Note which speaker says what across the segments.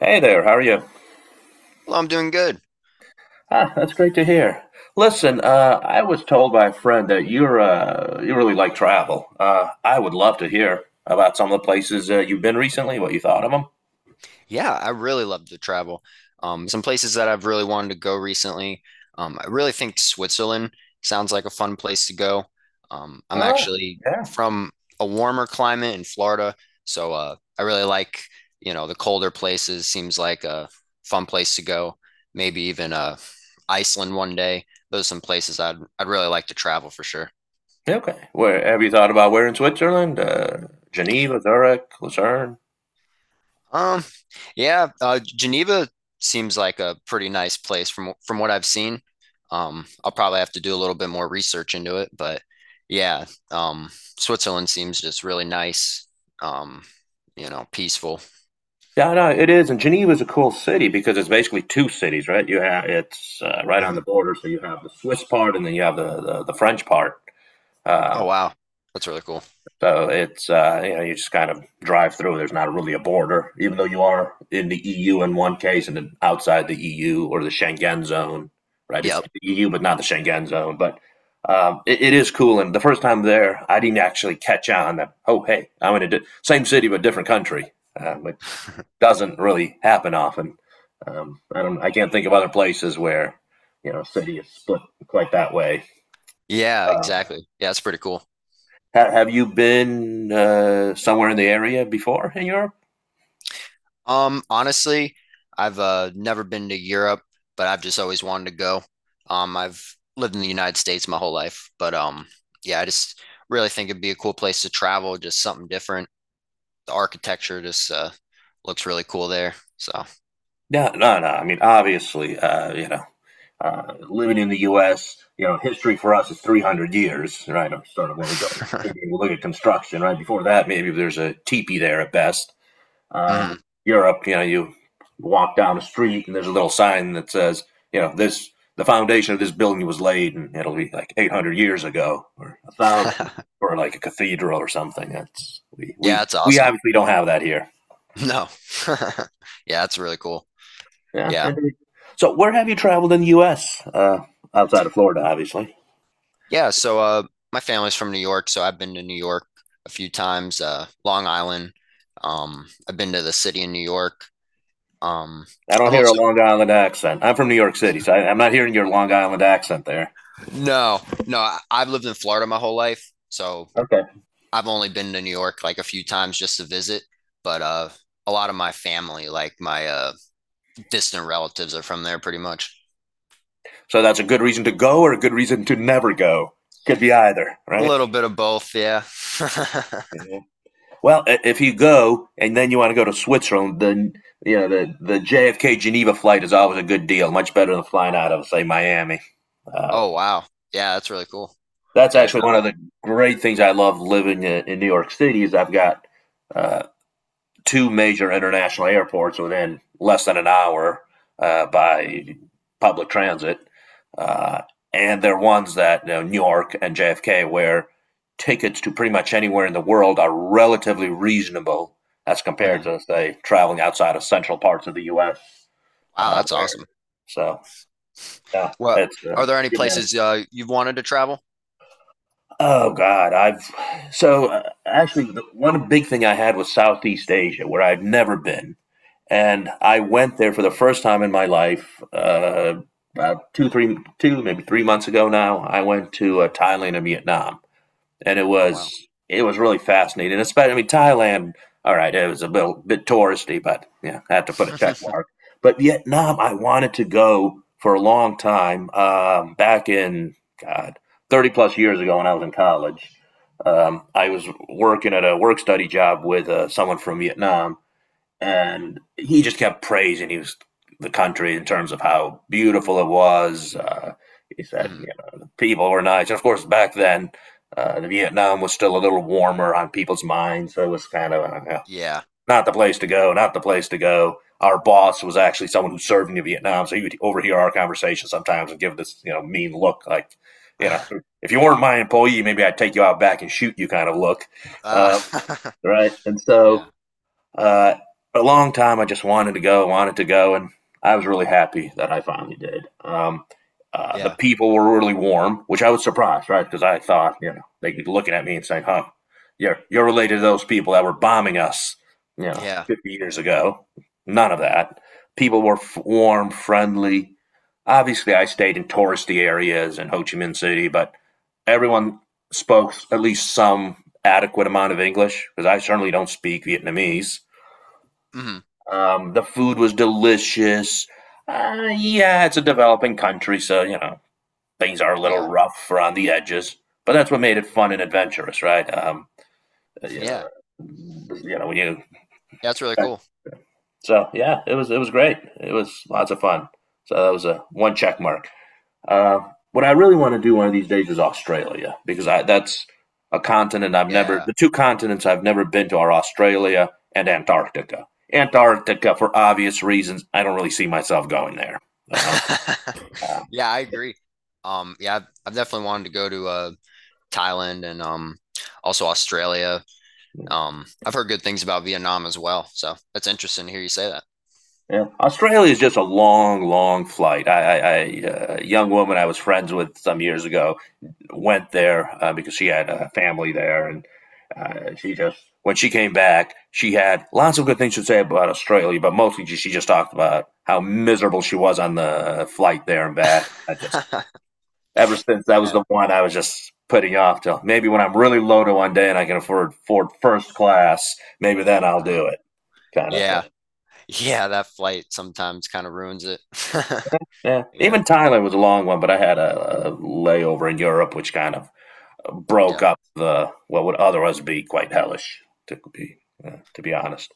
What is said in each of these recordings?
Speaker 1: Hey there, how are you?
Speaker 2: Well, I'm doing good.
Speaker 1: Ah, that's great to hear. Listen, I was told by a friend that you're you really like travel. I would love to hear about some of the places you've been recently. What you thought of them?
Speaker 2: Yeah, I really love to travel. Some places that I've really wanted to go recently. I really think Switzerland sounds like a fun place to go. I'm
Speaker 1: Ah,
Speaker 2: actually
Speaker 1: yeah,
Speaker 2: from a warmer climate in Florida, so I really like, you know, the colder places. Seems like a fun place to go. Maybe even Iceland one day. Those are some places I'd really like to travel for sure.
Speaker 1: okay. Where have you thought about? Where in Switzerland? Geneva, Zurich, Lucerne.
Speaker 2: Um, yeah, Geneva seems like a pretty nice place from what I've seen. I'll probably have to do a little bit more research into it, but yeah, um, Switzerland seems just really nice. Um, you know, peaceful.
Speaker 1: Yeah, no, it is. And Geneva is a cool city because it's basically two cities, right? You have, it's right on the
Speaker 2: Mhm.
Speaker 1: border, so you have the Swiss part and then you have the French part.
Speaker 2: Oh
Speaker 1: Um,
Speaker 2: wow, that's really cool.
Speaker 1: So it's you know, you just kind of drive through. There's not really a border, even though you are in the EU in one case and then outside the EU or the Schengen zone, right? It's
Speaker 2: Yep.
Speaker 1: the EU but not the Schengen zone. But it is cool. And the first time there, I didn't actually catch on that. Oh, hey, I'm in a same city but different country, which doesn't really happen often. I don't. I can't think of other places where, you know, a city is split quite that way.
Speaker 2: Yeah,
Speaker 1: Um,
Speaker 2: exactly. Yeah, that's pretty cool.
Speaker 1: have you been somewhere in the area before in Europe?
Speaker 2: Honestly, I've never been to Europe, but I've just always wanted to go. I've lived in the United States my whole life, but yeah, I just really think it'd be a cool place to travel, just something different. The architecture just looks really cool there. So,
Speaker 1: No, no, no. I mean, obviously, you know, living in the U.S., you know, history for us is 300 years, right? Of sort of when we go, we look at construction, right? Before that, maybe there's a teepee there at best. Uh,
Speaker 2: Mhm.
Speaker 1: Europe, you know, you walk down the street and there's a little sign that says, you know, this, the foundation of this building was laid, and it'll be like 800 years ago, or a thousand, or like a cathedral or something. That's, we
Speaker 2: Yeah,
Speaker 1: we
Speaker 2: it's
Speaker 1: we
Speaker 2: awesome.
Speaker 1: obviously don't have that here.
Speaker 2: No, yeah, that's really cool.
Speaker 1: Yeah.
Speaker 2: Yeah,
Speaker 1: So where have you traveled in the U.S.? Outside of Florida, obviously?
Speaker 2: yeah. So, my family's from New York, so I've been to New York a few times. Long Island. I've been to the city in New York. Um,
Speaker 1: I don't
Speaker 2: I've
Speaker 1: hear a
Speaker 2: also
Speaker 1: Long Island accent. I'm from New York City, so I'm not hearing your Long Island accent there.
Speaker 2: No, no, I've lived in Florida my whole life, so
Speaker 1: Okay.
Speaker 2: I've only been to New York like a few times just to visit, but a lot of my family, like my distant relatives are from there pretty much.
Speaker 1: So that's a good reason to go or a good reason to never go. Could be either,
Speaker 2: A
Speaker 1: right?
Speaker 2: little bit of both, yeah.
Speaker 1: Yeah. Well, if you go and then you want to go to Switzerland, then you know the JFK Geneva flight is always a good deal, much better than flying out of, say, Miami. Uh,
Speaker 2: Oh wow. Yeah, that's really cool.
Speaker 1: that's
Speaker 2: Yeah, I didn't
Speaker 1: actually one of the
Speaker 2: know
Speaker 1: great things I love living in, New York City, is I've got uh, two major international airports within less than an hour by public transit. Uh, and they're ones that, you know, New York and JFK, where tickets to pretty much anywhere in the world are relatively reasonable as
Speaker 2: that.
Speaker 1: compared
Speaker 2: Mhm.
Speaker 1: to, say, traveling outside of central parts of the U.S.
Speaker 2: Wow, that's
Speaker 1: Where,
Speaker 2: awesome.
Speaker 1: so, yeah,
Speaker 2: Well,
Speaker 1: it's
Speaker 2: are there any places you've wanted to travel?
Speaker 1: oh God, I've, so actually the one big thing I had was Southeast Asia, where I've never been. And I went there for the first time in my life about 2, maybe 3 months ago now. I went to
Speaker 2: Mhm.
Speaker 1: Thailand and Vietnam, and it
Speaker 2: Oh wow.
Speaker 1: was it was really fascinating. And especially, I mean, Thailand. All right, it was a bit touristy, but yeah, I had to put a check mark. But Vietnam, I wanted to go for a long time. Back in, God, 30 plus years ago, when I was in college, I was working at a work study job with someone from Vietnam, and he just kept praising he was the country in terms of how beautiful it was. He said, you
Speaker 2: Mhm.
Speaker 1: know, the people were nice. And of course, back then, the Vietnam was still a little warmer on people's minds. So it was kind of yeah,
Speaker 2: Yeah.
Speaker 1: not the place to go, not the place to go. Our boss was actually someone who served in Vietnam. So he would overhear our conversation sometimes and give this, you know, mean look like, you know, if you weren't my employee, maybe I'd take you out back and shoot you kind of look.
Speaker 2: Ah.
Speaker 1: Um, right. And so
Speaker 2: yeah.
Speaker 1: uh, a long time, I just wanted to go, and I was really happy that I finally did. The
Speaker 2: Yeah.
Speaker 1: people were really warm, which I was surprised, right? Because I thought, you know, they'd be looking at me and saying, "Huh, you're related to those people that were bombing us, you know,
Speaker 2: Yeah.
Speaker 1: 50 years ago." None of that. People were warm, friendly. Obviously, I stayed in touristy areas in Ho Chi Minh City, but everyone spoke at least some adequate amount of English, because I certainly don't speak Vietnamese.
Speaker 2: Mhm.
Speaker 1: The food was delicious. Yeah, it's a developing country, so you know things are a little
Speaker 2: Yeah.
Speaker 1: rough around the edges. But that's what made it fun and adventurous, right? Uh, you know,
Speaker 2: Yeah.
Speaker 1: you know when you
Speaker 2: Yeah, that's really cool.
Speaker 1: so yeah, it was great. It was lots of fun. So that was a one check mark. Uh, what I really want to do one of these days is Australia, because that's a continent I've never,
Speaker 2: Yeah.
Speaker 1: the two continents I've never been to are Australia and Antarctica. Antarctica, for obvious reasons, I don't really see myself going there. Uh, uh,
Speaker 2: Yeah, I agree. Yeah, I've definitely wanted to go to Thailand and also Australia. I've heard good things about Vietnam as well, so that's interesting to hear you say
Speaker 1: yeah. Australia is just a long, long flight. A young woman I was friends with some years ago went there because she had a family there, and she just, when she came back, she had lots of good things to say about Australia, but mostly she just talked about how miserable she was on the flight there and back. I just,
Speaker 2: that.
Speaker 1: ever since, that was the
Speaker 2: Yeah.
Speaker 1: one I was just putting off till maybe when I'm really loaded one day, and I can afford first class, maybe then I'll
Speaker 2: Uh-huh.
Speaker 1: do it, kind of thing.
Speaker 2: Yeah. Yeah, that flight sometimes kind of ruins it.
Speaker 1: Yeah, even
Speaker 2: Yeah.
Speaker 1: Thailand was a long one, but I had a layover in Europe, which kind of broke
Speaker 2: Yeah.
Speaker 1: up the, what would otherwise be quite hellish to be to be honest.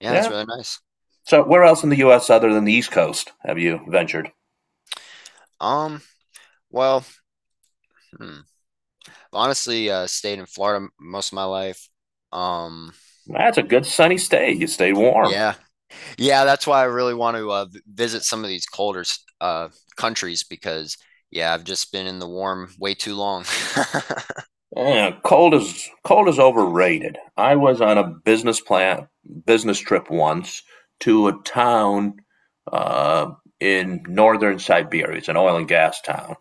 Speaker 2: Yeah, that's
Speaker 1: Yeah.
Speaker 2: really nice.
Speaker 1: So where else in the U.S., other than the East Coast, have you ventured?
Speaker 2: Um, well, hmm, Honestly, stayed in Florida most of my life. Um,
Speaker 1: That's a good sunny stay. You stay warm.
Speaker 2: yeah. Yeah, that's why I really want to visit some of these colder uh, countries because, yeah, I've just been in the warm way too long.
Speaker 1: Yeah, cold is overrated. I was on a business trip once to a town uh, in northern Siberia. It's an oil and gas town.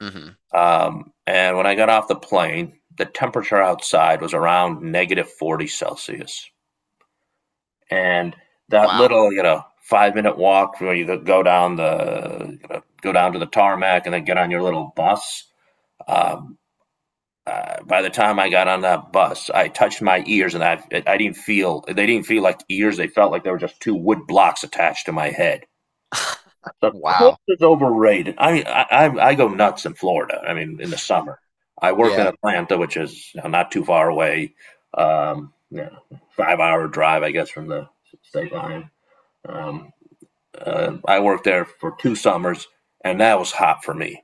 Speaker 2: hmm
Speaker 1: And when I got off the plane, the temperature outside was around negative 40 Celsius. And that
Speaker 2: Wow.
Speaker 1: little, you know, 5 minute walk where you go down the, you know, go down to the tarmac and then get on your little bus, um, by the time I got on that bus, I touched my ears and I didn't feel they didn't feel like ears. They felt like they were just two wood blocks attached to my head. The cold
Speaker 2: Wow.
Speaker 1: is overrated. I go nuts in Florida, I mean in the summer. I worked in
Speaker 2: Yeah.
Speaker 1: Atlanta, which is not too far away, um, you know, 5 hour drive I guess from the state line. Um, I worked there for two summers, and that was hot for me.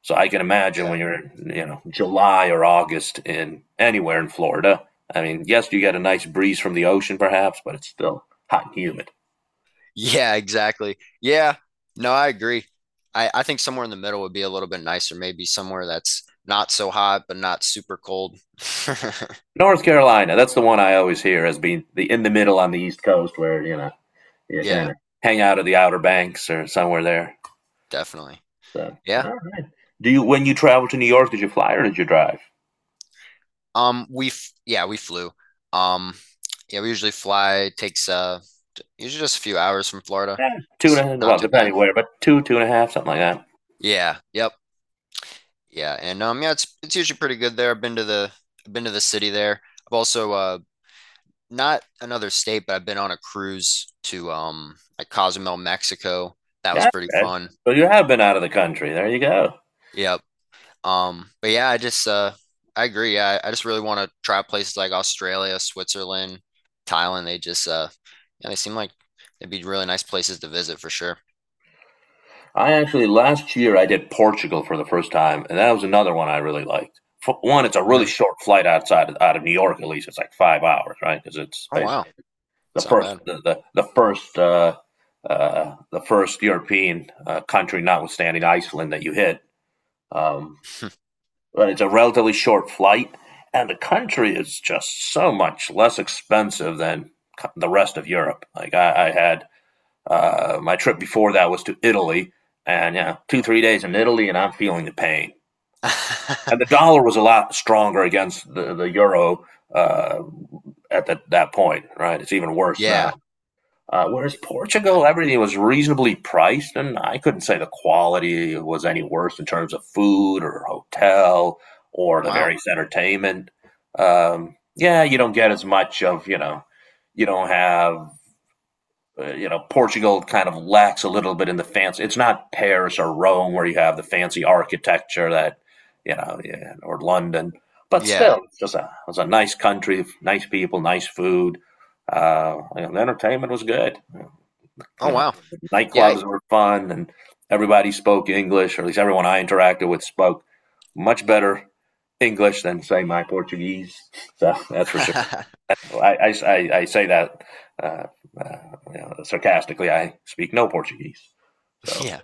Speaker 1: So I can imagine
Speaker 2: Yeah.
Speaker 1: when you're, you know, July or August in anywhere in Florida. I mean, yes, you get a nice breeze from the ocean, perhaps, but it's still hot and humid.
Speaker 2: Yeah, exactly. Yeah. No, I agree. I think somewhere in the middle would be a little bit nicer. Maybe somewhere that's not so hot, but not super cold.
Speaker 1: North Carolina, that's the one I always hear as being the in the middle on the East Coast, where you know you kind
Speaker 2: Yeah,
Speaker 1: of hang out at the Outer Banks or somewhere there.
Speaker 2: definitely.
Speaker 1: So,
Speaker 2: Yeah.
Speaker 1: all right. do you when you travel to New York, did you fly or did you drive?
Speaker 2: Yeah, we flew. Um, yeah, we usually fly. It takes usually just a few hours from Florida.
Speaker 1: Eh, two and a
Speaker 2: It's
Speaker 1: half,
Speaker 2: not
Speaker 1: well,
Speaker 2: too bad.
Speaker 1: depending where, but two and a half, something like that.
Speaker 2: Yeah. Yep. Yeah. And yeah, it's usually pretty good there. I've been to the city there. I've also not another state, but I've been on a cruise to like Cozumel, Mexico. That was
Speaker 1: Yeah,
Speaker 2: pretty
Speaker 1: okay.
Speaker 2: fun.
Speaker 1: So you have been out of the country. There you go.
Speaker 2: Yep. But yeah, I agree. I just really want to try places like Australia, Switzerland, Thailand. They just yeah, they seem like they'd be really nice places to visit for sure.
Speaker 1: I actually last year I did Portugal for the first time, and that was another one I really liked. For one, it's a really
Speaker 2: hmm
Speaker 1: short flight outside, out of New York. At least it's like 5 hours, right? Because it's
Speaker 2: Oh wow.
Speaker 1: basically the
Speaker 2: It's not
Speaker 1: first
Speaker 2: bad.
Speaker 1: the the, the first uh, the first European country, notwithstanding Iceland, that you hit. Um, but it's a relatively short flight, and the country is just so much less expensive than the rest of Europe. Like, I had, my trip before that was to Italy, and yeah, 2 3 days in Italy, and I'm feeling the pain. And the dollar was a lot stronger against the euro uh, at that point, right? It's even worse now.
Speaker 2: Yeah.
Speaker 1: Whereas Portugal,
Speaker 2: Okay.
Speaker 1: everything was reasonably priced, and I couldn't say the quality was any worse in terms of food or hotel or the
Speaker 2: Wow.
Speaker 1: various entertainment. Yeah, you don't get as much of, you know, you don't have you know, Portugal kind of lacks a little bit in the fancy. It's not Paris or Rome where you have the fancy architecture that, you know, yeah, or London. But
Speaker 2: Yeah.
Speaker 1: still, it's a nice country, nice people, nice food. You know, the entertainment was good.
Speaker 2: Oh
Speaker 1: You know,
Speaker 2: wow.
Speaker 1: the
Speaker 2: Yeah.
Speaker 1: nightclubs were fun, and everybody spoke English, or at least everyone I interacted with spoke much better English than, say, my Portuguese. So that's for sure. Say that uh, uh, you know, sarcastically. I speak no Portuguese, so,
Speaker 2: Yeah.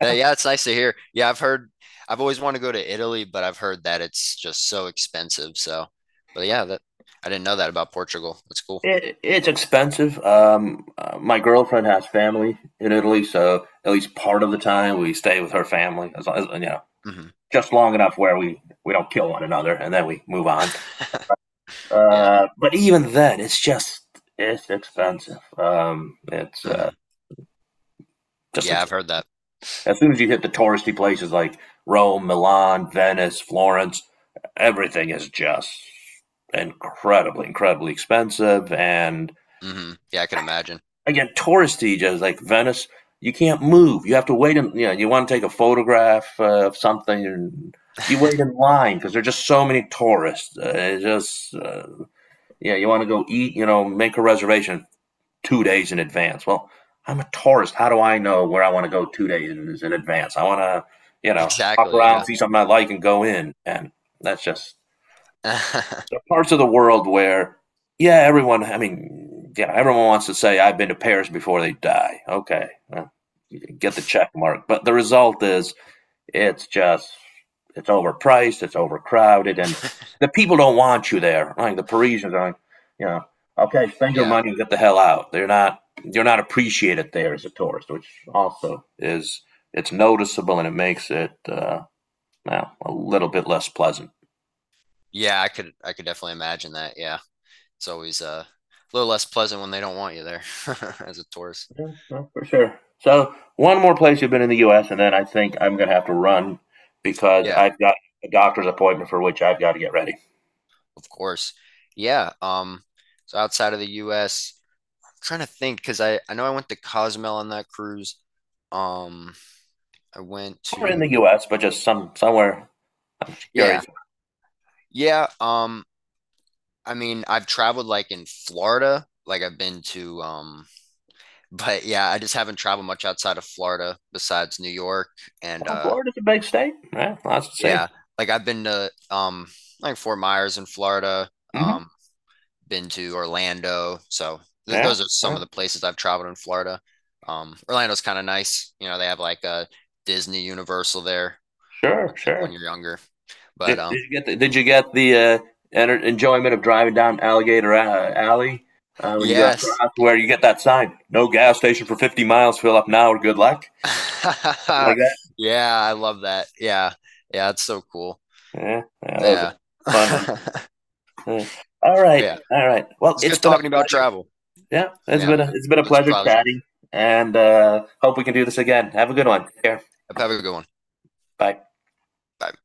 Speaker 2: That, yeah, it's nice to hear. I've always wanted to go to Italy, but I've heard that it's just so expensive. So, but yeah, that I didn't know that about Portugal. That's cool.
Speaker 1: it, it's expensive. My girlfriend has family in Italy, so at least part of the time we stay with her family, as you know,
Speaker 2: hmm
Speaker 1: just long enough where we don't kill one another, and then we move on.
Speaker 2: Yeah.
Speaker 1: But even then, it's just, it's expensive. It's
Speaker 2: hmm
Speaker 1: just,
Speaker 2: Yeah, I've heard that.
Speaker 1: as soon as you hit the touristy places like Rome, Milan, Venice, Florence, everything is just incredibly, incredibly expensive. And
Speaker 2: Hmm Yeah, I can imagine.
Speaker 1: again, touristy, just like Venice, you can't move. You have to wait. In, you know, you want to take a photograph of something, and you wait in line because there are just so many tourists. It's just yeah, you want to go eat. You know, make a reservation 2 days in advance. Well, I'm a tourist. How do I know where I want to go 2 days in advance? I want to, you know, hop
Speaker 2: Exactly,
Speaker 1: around,
Speaker 2: yeah.
Speaker 1: see something I like, and go in. And that's just the parts of the world where, yeah, everyone. I mean, yeah, everyone wants to say I've been to Paris before they die. Okay, well, you get the check mark, but the result is, it's just, it's overpriced, it's overcrowded, and the people don't want you there. Like the Parisians are like, you know, okay, spend your
Speaker 2: Yeah.
Speaker 1: money and get the hell out. They're not, you're not appreciated there as a tourist, which also is, it's noticeable and it makes it, well, a little bit less pleasant.
Speaker 2: Yeah, I could definitely imagine that. Yeah. It's always a little less pleasant when they don't want you there as a tourist.
Speaker 1: Yeah, yeah, for sure. So, one more place you've been in the U.S., and then I think I'm going to have to run because
Speaker 2: Yeah,
Speaker 1: I've got a doctor's appointment for which I've got to get ready.
Speaker 2: of course. Yeah, so outside of the US, am trying to think because I know I went to Cozumel on that cruise. Um I went
Speaker 1: Or in the
Speaker 2: to
Speaker 1: U.S., but just somewhere. I'm
Speaker 2: yeah.
Speaker 1: curious.
Speaker 2: Yeah, I mean, I've traveled like in Florida, like I've been to but yeah, I just haven't traveled much outside of Florida besides New York and
Speaker 1: Well, Florida's a big state. Yeah, lots to see.
Speaker 2: yeah, like I've been to like Fort Myers in Florida,
Speaker 1: Hmm.
Speaker 2: um been to Orlando. So th
Speaker 1: Yeah,
Speaker 2: those are some of
Speaker 1: yeah,
Speaker 2: the places I've traveled in Florida. Orlando's kind of nice. You know, they have like a Disney Universal there
Speaker 1: sure,
Speaker 2: when when
Speaker 1: sure.
Speaker 2: you're younger. But
Speaker 1: Did you get the, did you get the enjoyment of driving down Alligator Alley when you go
Speaker 2: yes.
Speaker 1: across, where you get that sign? No gas station for 50 miles. Fill up now or good luck. Something like that.
Speaker 2: Yeah, I love that. Yeah. Yeah, it's so cool.
Speaker 1: Yeah, yeah, that was a
Speaker 2: Yeah.
Speaker 1: fun one. Yeah. All right,
Speaker 2: Yeah.
Speaker 1: all right. Well,
Speaker 2: It's
Speaker 1: it's
Speaker 2: good
Speaker 1: been a
Speaker 2: talking about
Speaker 1: pleasure.
Speaker 2: travel.
Speaker 1: Yeah, it's
Speaker 2: Yeah,
Speaker 1: been a,
Speaker 2: man. It's a
Speaker 1: pleasure
Speaker 2: pleasure.
Speaker 1: chatting, and hope we can do this again. Have a good one. Take care.
Speaker 2: Have a good one.
Speaker 1: Bye.
Speaker 2: Bye.